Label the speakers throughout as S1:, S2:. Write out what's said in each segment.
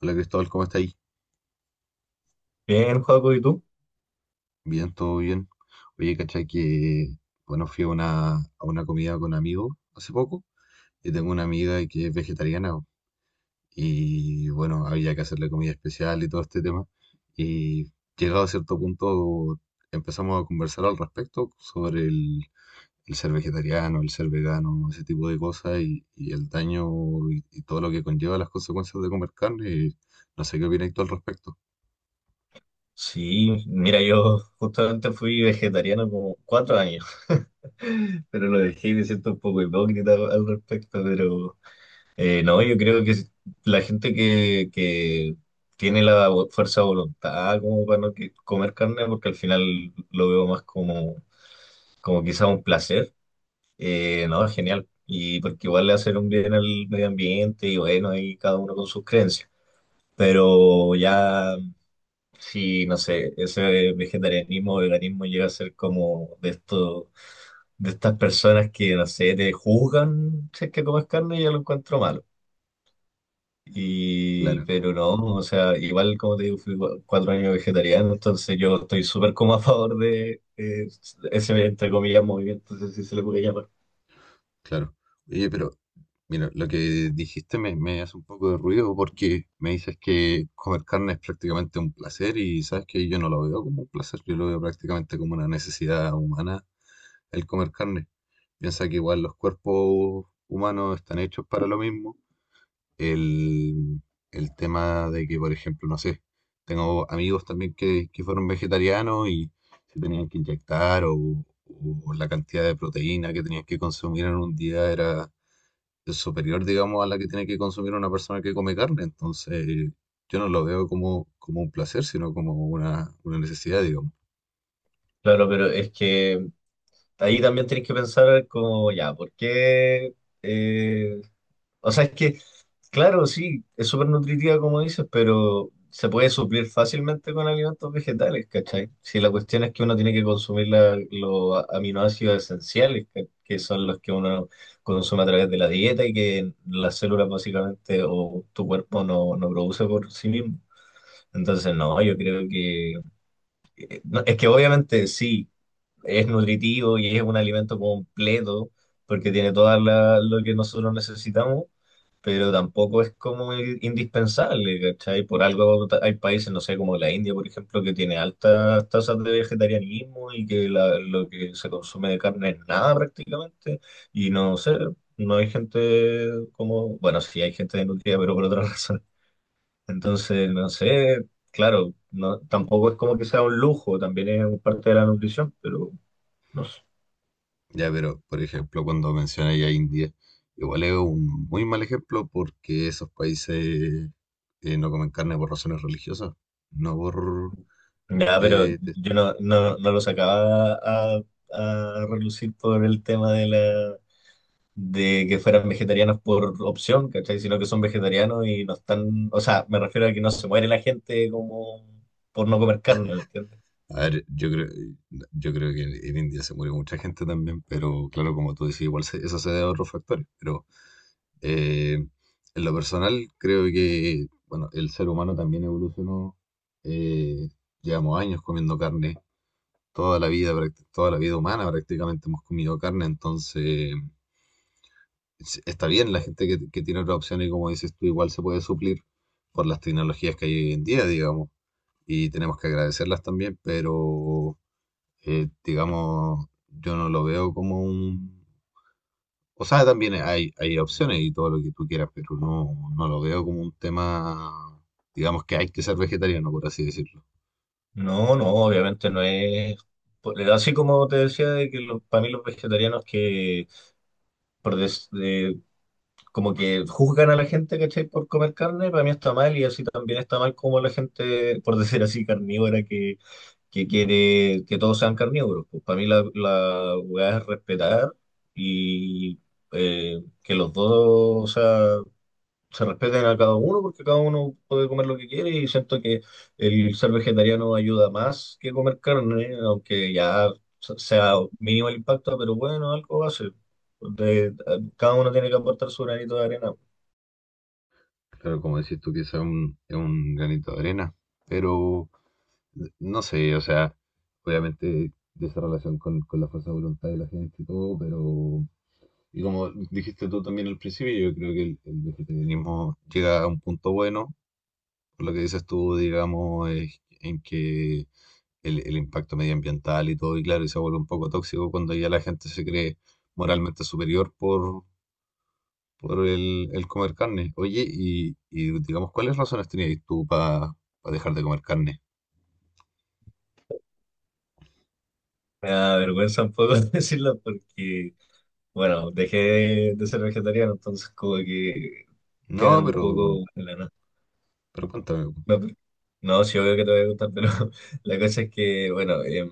S1: Hola Cristóbal, ¿cómo estáis?
S2: Bien, Joaco, ¿y tú?
S1: Bien, todo bien. Oye, cachai que, bueno, fui a una comida con amigos hace poco y tengo una amiga que es vegetariana po, y, bueno, había que hacerle comida especial y todo este tema. Y llegado a cierto punto empezamos a conversar al respecto sobre el ser vegetariano, el ser vegano, ese tipo de cosas y el daño y todo lo que conlleva las consecuencias de comer carne. Y no sé qué opináis tú al respecto.
S2: Sí, mira, yo justamente fui vegetariano como 4 años, pero lo dejé y me siento un poco hipócrita al respecto, pero no, yo creo que si, la gente que tiene la fuerza de voluntad como para no comer carne, porque al final lo veo más como quizá un placer. No, es genial, y porque igual le hacen un bien al medio ambiente y bueno, ahí cada uno con sus creencias. Pero ya si, no sé, ese vegetarianismo o veganismo llega a ser como de esto, de estas personas que, no sé, te juzgan si es que comes carne, yo lo encuentro malo. Y,
S1: Claro.
S2: pero no, o sea, igual como te digo, fui 4 años vegetariano, entonces yo estoy súper como a favor de ese, entre comillas, movimiento, no sé si se le puede llamar.
S1: Claro. Oye, pero mira, lo que me hace un poco de ruido porque me dices que comer carne es prácticamente un placer y sabes que yo no lo veo como un placer, yo lo veo prácticamente como una necesidad humana el comer carne. Piensa que igual los cuerpos humanos están hechos para lo mismo. El, el tema de que, por ejemplo, no sé, tengo amigos también que fueron vegetarianos y se tenían que inyectar o la cantidad de proteína que tenían que consumir en un día era es superior, digamos, a la que tiene que consumir una persona que come carne. Entonces, yo no lo veo como, como un placer, sino como una necesidad, digamos.
S2: Claro, pero es que ahí también tienes que pensar como, ya, ¿por qué? eh, O sea, es que, claro, sí, es súper nutritiva como dices, pero se puede suplir fácilmente con alimentos vegetales, ¿cachai? Si la cuestión es que uno tiene que consumir los aminoácidos esenciales, que son los que uno consume a través de la dieta y que las células básicamente o tu cuerpo no produce por sí mismo. Entonces, no, yo creo que... no, es que obviamente sí, es nutritivo y es un alimento completo porque tiene todo lo que nosotros necesitamos, pero tampoco es como indispensable, ¿cachai? Por algo hay países, no sé, como la India, por ejemplo, que tiene altas tasas de vegetarianismo y que lo que se consume de carne es nada prácticamente, y no sé, no hay gente como, bueno, sí hay gente desnutrida, pero por otra razón. Entonces, no sé, claro, no, tampoco es como que sea un lujo, también es parte de la nutrición, pero no sé.
S1: Ya, pero, por ejemplo, cuando mencioné a India, igual es un muy mal ejemplo porque esos países no comen carne por razones religiosas, no por...
S2: Ya, pero
S1: eh, te-
S2: yo no lo sacaba a relucir por el tema de la, de que fueran vegetarianos por opción, ¿cachai? Sino que son vegetarianos y no están, o sea, me refiero a que no se muere la gente como por no comer carne, ¿me entiendes?
S1: a ver, yo creo que en India se murió mucha gente también, pero claro, como tú decís, igual se- eso se debe a otros factores, pero Eh, en lo personal, creo que, bueno, el ser humano también evolucionó. eh, Llevamos años comiendo carne, toda la vida, práct- toda la vida humana prácticamente hemos comido carne, entonces es- está bien la gente que tiene otra opción y como dices tú, igual se puede suplir por las tecnologías que hay hoy en día, digamos, y tenemos que agradecerlas también, pero, digamos, yo no lo veo como un... O sea, también hay opciones y todo lo que tú quieras, pero no, no lo veo como un tema, digamos que hay que ser vegetariano, por así decirlo.
S2: No, no, obviamente no es. Así como te decía, de que los, para mí los vegetarianos que por des- de- como que juzgan a la gente, ¿cachai? Por comer carne, para mí está mal y así también está mal como la gente, por decir así, carnívora que quiere que todos sean carnívoros. Pues para mí la, la weá es respetar y que los dos, o sea, se respeten a cada uno porque cada uno puede comer lo que quiere y siento que el ser vegetariano ayuda más que comer carne, aunque ya sea mínimo el impacto, pero bueno, algo va a hace. De- Cada uno tiene que aportar su granito de arena.
S1: Claro, como decís tú, quizá un, es un granito de arena, pero no sé, o sea, obviamente de esa relación con la fuerza de voluntad de la gente y todo, pero... Y como dijiste tú también al principio, yo creo que el vegetarianismo llega a un punto bueno, por lo que dices tú, digamos, es en que el impacto medioambiental y todo, y claro, y se vuelve un poco tóxico cuando ya la gente se cree moralmente superior por el comer carne. Oye, y digamos, ¿cuáles razones tenías tú para dejar de comer carne?
S2: Me da vergüenza un poco decirlo porque, bueno, dejé de ser vegetariano, entonces como que quedan
S1: No,
S2: un poco en la nada.
S1: pero cuéntame,
S2: No, pues, no, sí, obvio que te va a gustar, pero la cosa es que, bueno,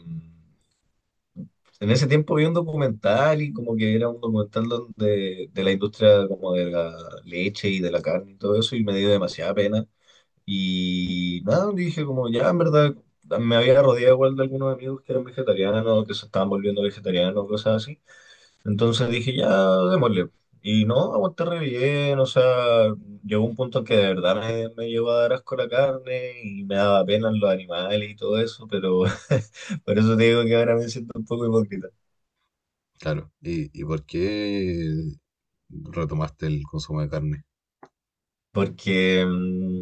S2: en ese tiempo vi un documental y como que era un documental donde, de la industria como de la leche y de la carne y todo eso y me dio demasiada pena. Y nada, dije como ya, en verdad, me había rodeado igual de algunos amigos que eran vegetarianos, que se estaban volviendo vegetarianos, cosas así. Entonces dije, ya, démosle. Y no, aguanté re bien, o sea, llegó un punto en que de verdad me llegó a dar asco la carne y me daba pena los animales y todo eso, pero por eso te digo que ahora me siento un poco hipócrita.
S1: claro, y por qué retomaste el consumo de carne?
S2: Porque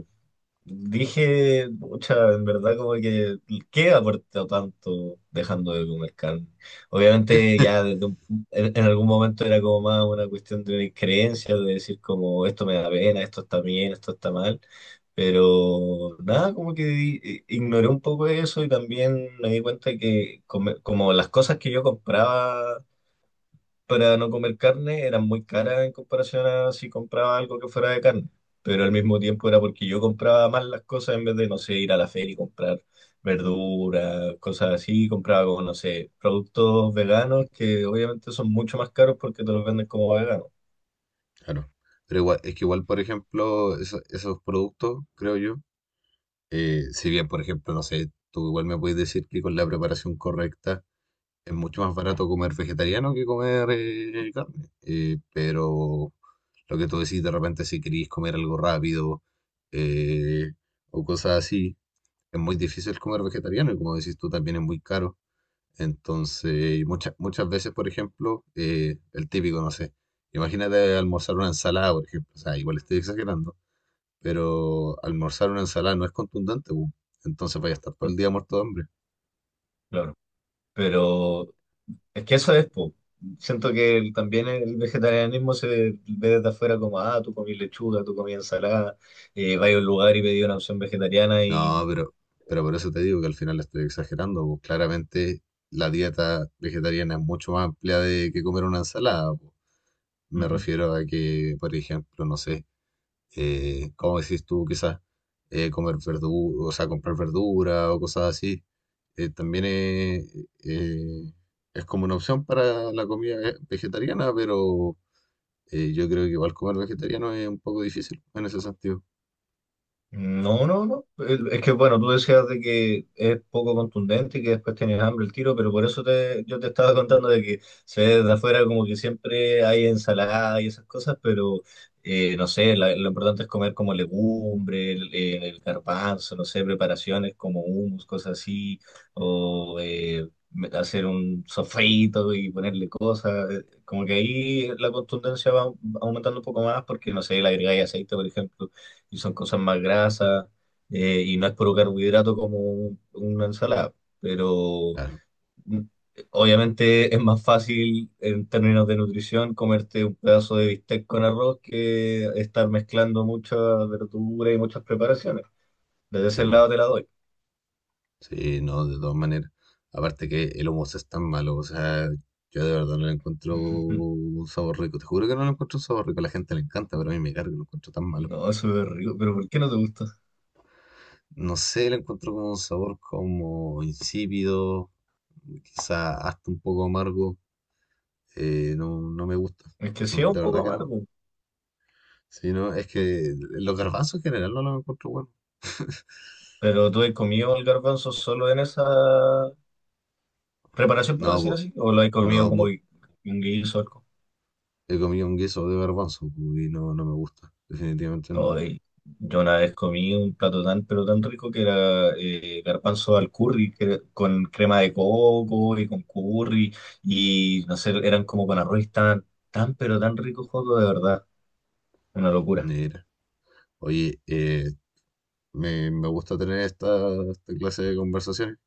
S2: dije, pucha, en verdad como que, ¿qué aporta tanto dejando de comer carne? Obviamente ya desde en algún momento era como más una cuestión de una creencia, de decir como esto me da pena, esto está bien, esto está mal, pero nada, como que ignoré un poco eso y también me di cuenta que como las cosas que yo compraba para no comer carne eran muy caras en comparación a si compraba algo que fuera de carne. Pero al mismo tiempo era porque yo compraba más las cosas en vez de, no sé, ir a la feria y comprar verduras, cosas así. Compraba como, no sé, productos veganos que obviamente son mucho más caros porque te los venden como veganos.
S1: Claro. Pero igual, es que igual, por ejemplo, eso- esos productos, creo yo, si bien, por ejemplo, no sé, tú igual me puedes decir que con la preparación correcta es mucho más barato comer vegetariano que comer carne. Pero lo que tú decís de repente, si querís comer algo rápido eh, o cosas así, es muy difícil comer vegetariano y como decís tú, también es muy caro. Entonces, muchas, muchas veces, por ejemplo, el típico, no sé, imagínate almorzar una ensalada, por ejemplo, o sea, igual estoy exagerando, pero almorzar una ensalada no es contundente, bu. Entonces vaya a estar todo
S2: Mm,
S1: el día muerto de hambre.
S2: claro. Pero es que eso es, po. Siento que también el vegetarianismo se ve desde afuera como, ah, tú comí lechuga, tú comí ensalada, vas a un lugar y pedí una opción vegetariana
S1: No,
S2: y...
S1: pero por eso te digo que al final la estoy exagerando, pues claramente la dieta vegetariana es mucho más amplia de que comer una ensalada. Pues. Me
S2: Ujú.
S1: refiero a que, por ejemplo, no sé, ¿cómo decís tú? Quizás comer verdura, o sea, comprar verdura o cosas así, también eh, es como una opción para la comida ve- vegetariana, pero yo creo que igual comer vegetariano es un poco difícil en ese sentido.
S2: No, no, no. Es que bueno, tú decías de que es poco contundente y que después tienes hambre el tiro, pero por eso yo te estaba contando de que se ve desde afuera como que siempre hay ensalada y esas cosas, pero no sé, lo importante es comer como legumbre, el garbanzo, no sé, preparaciones como hummus, cosas así, o hacer un sofrito y ponerle cosas. Como que ahí la contundencia va aumentando un poco más porque, no sé, le agregáis aceite, por ejemplo, y son cosas más grasas, y no es puro carbohidrato como una ensalada, pero
S1: Claro,
S2: mm, obviamente es más fácil en términos de nutrición comerte un pedazo de bistec con arroz que estar mezclando muchas verduras y muchas preparaciones. Desde
S1: sí,
S2: ese
S1: pues.
S2: lado te la doy.
S1: Sí, no, de todas maneras. Aparte que el hummus es tan malo, o sea, yo de verdad no le encuentro un sabor rico. Te juro que no le encuentro un sabor rico. A la gente le encanta, pero a mí me carga, lo encuentro tan malo.
S2: No, eso es rico, pero ¿por qué no te gusta?
S1: No sé, le encuentro como un sabor como insípido, quizá hasta un poco amargo. No, no me gusta.
S2: Es que sí
S1: No,
S2: es
S1: de
S2: un poco
S1: verdad que no.
S2: amargo,
S1: Sí, no, es que los garbanzos en general no los encuentro buenos.
S2: pero ¿tú has comido el garbanzo solo en esa preparación, por
S1: No,
S2: decir
S1: po,
S2: así? ¿O lo has comido
S1: no,
S2: como
S1: po,
S2: un guiso?
S1: he comido un guiso de garbanzo po, y no, no me gusta. Definitivamente no.
S2: Ay, yo una vez comí un plato tan, pero tan rico que era garbanzo al curry, que era con crema de coco y con curry, y no sé, eran como con arroz, y estaban tan, pero tan ricos, Joaco, de verdad, una locura.
S1: Mira. Oye, me, me gusta tener esta, esta clase de conversaciones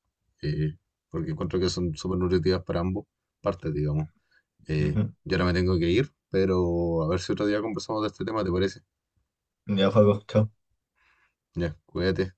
S1: eh, porque encuentro que son súper nutritivas para ambos partes, digamos.
S2: Ujú.
S1: Yo ahora me tengo que ir, pero a ver si otro día conversamos de este tema, ¿te parece?
S2: Ya, Joaco, chao.
S1: Ya, cuídate.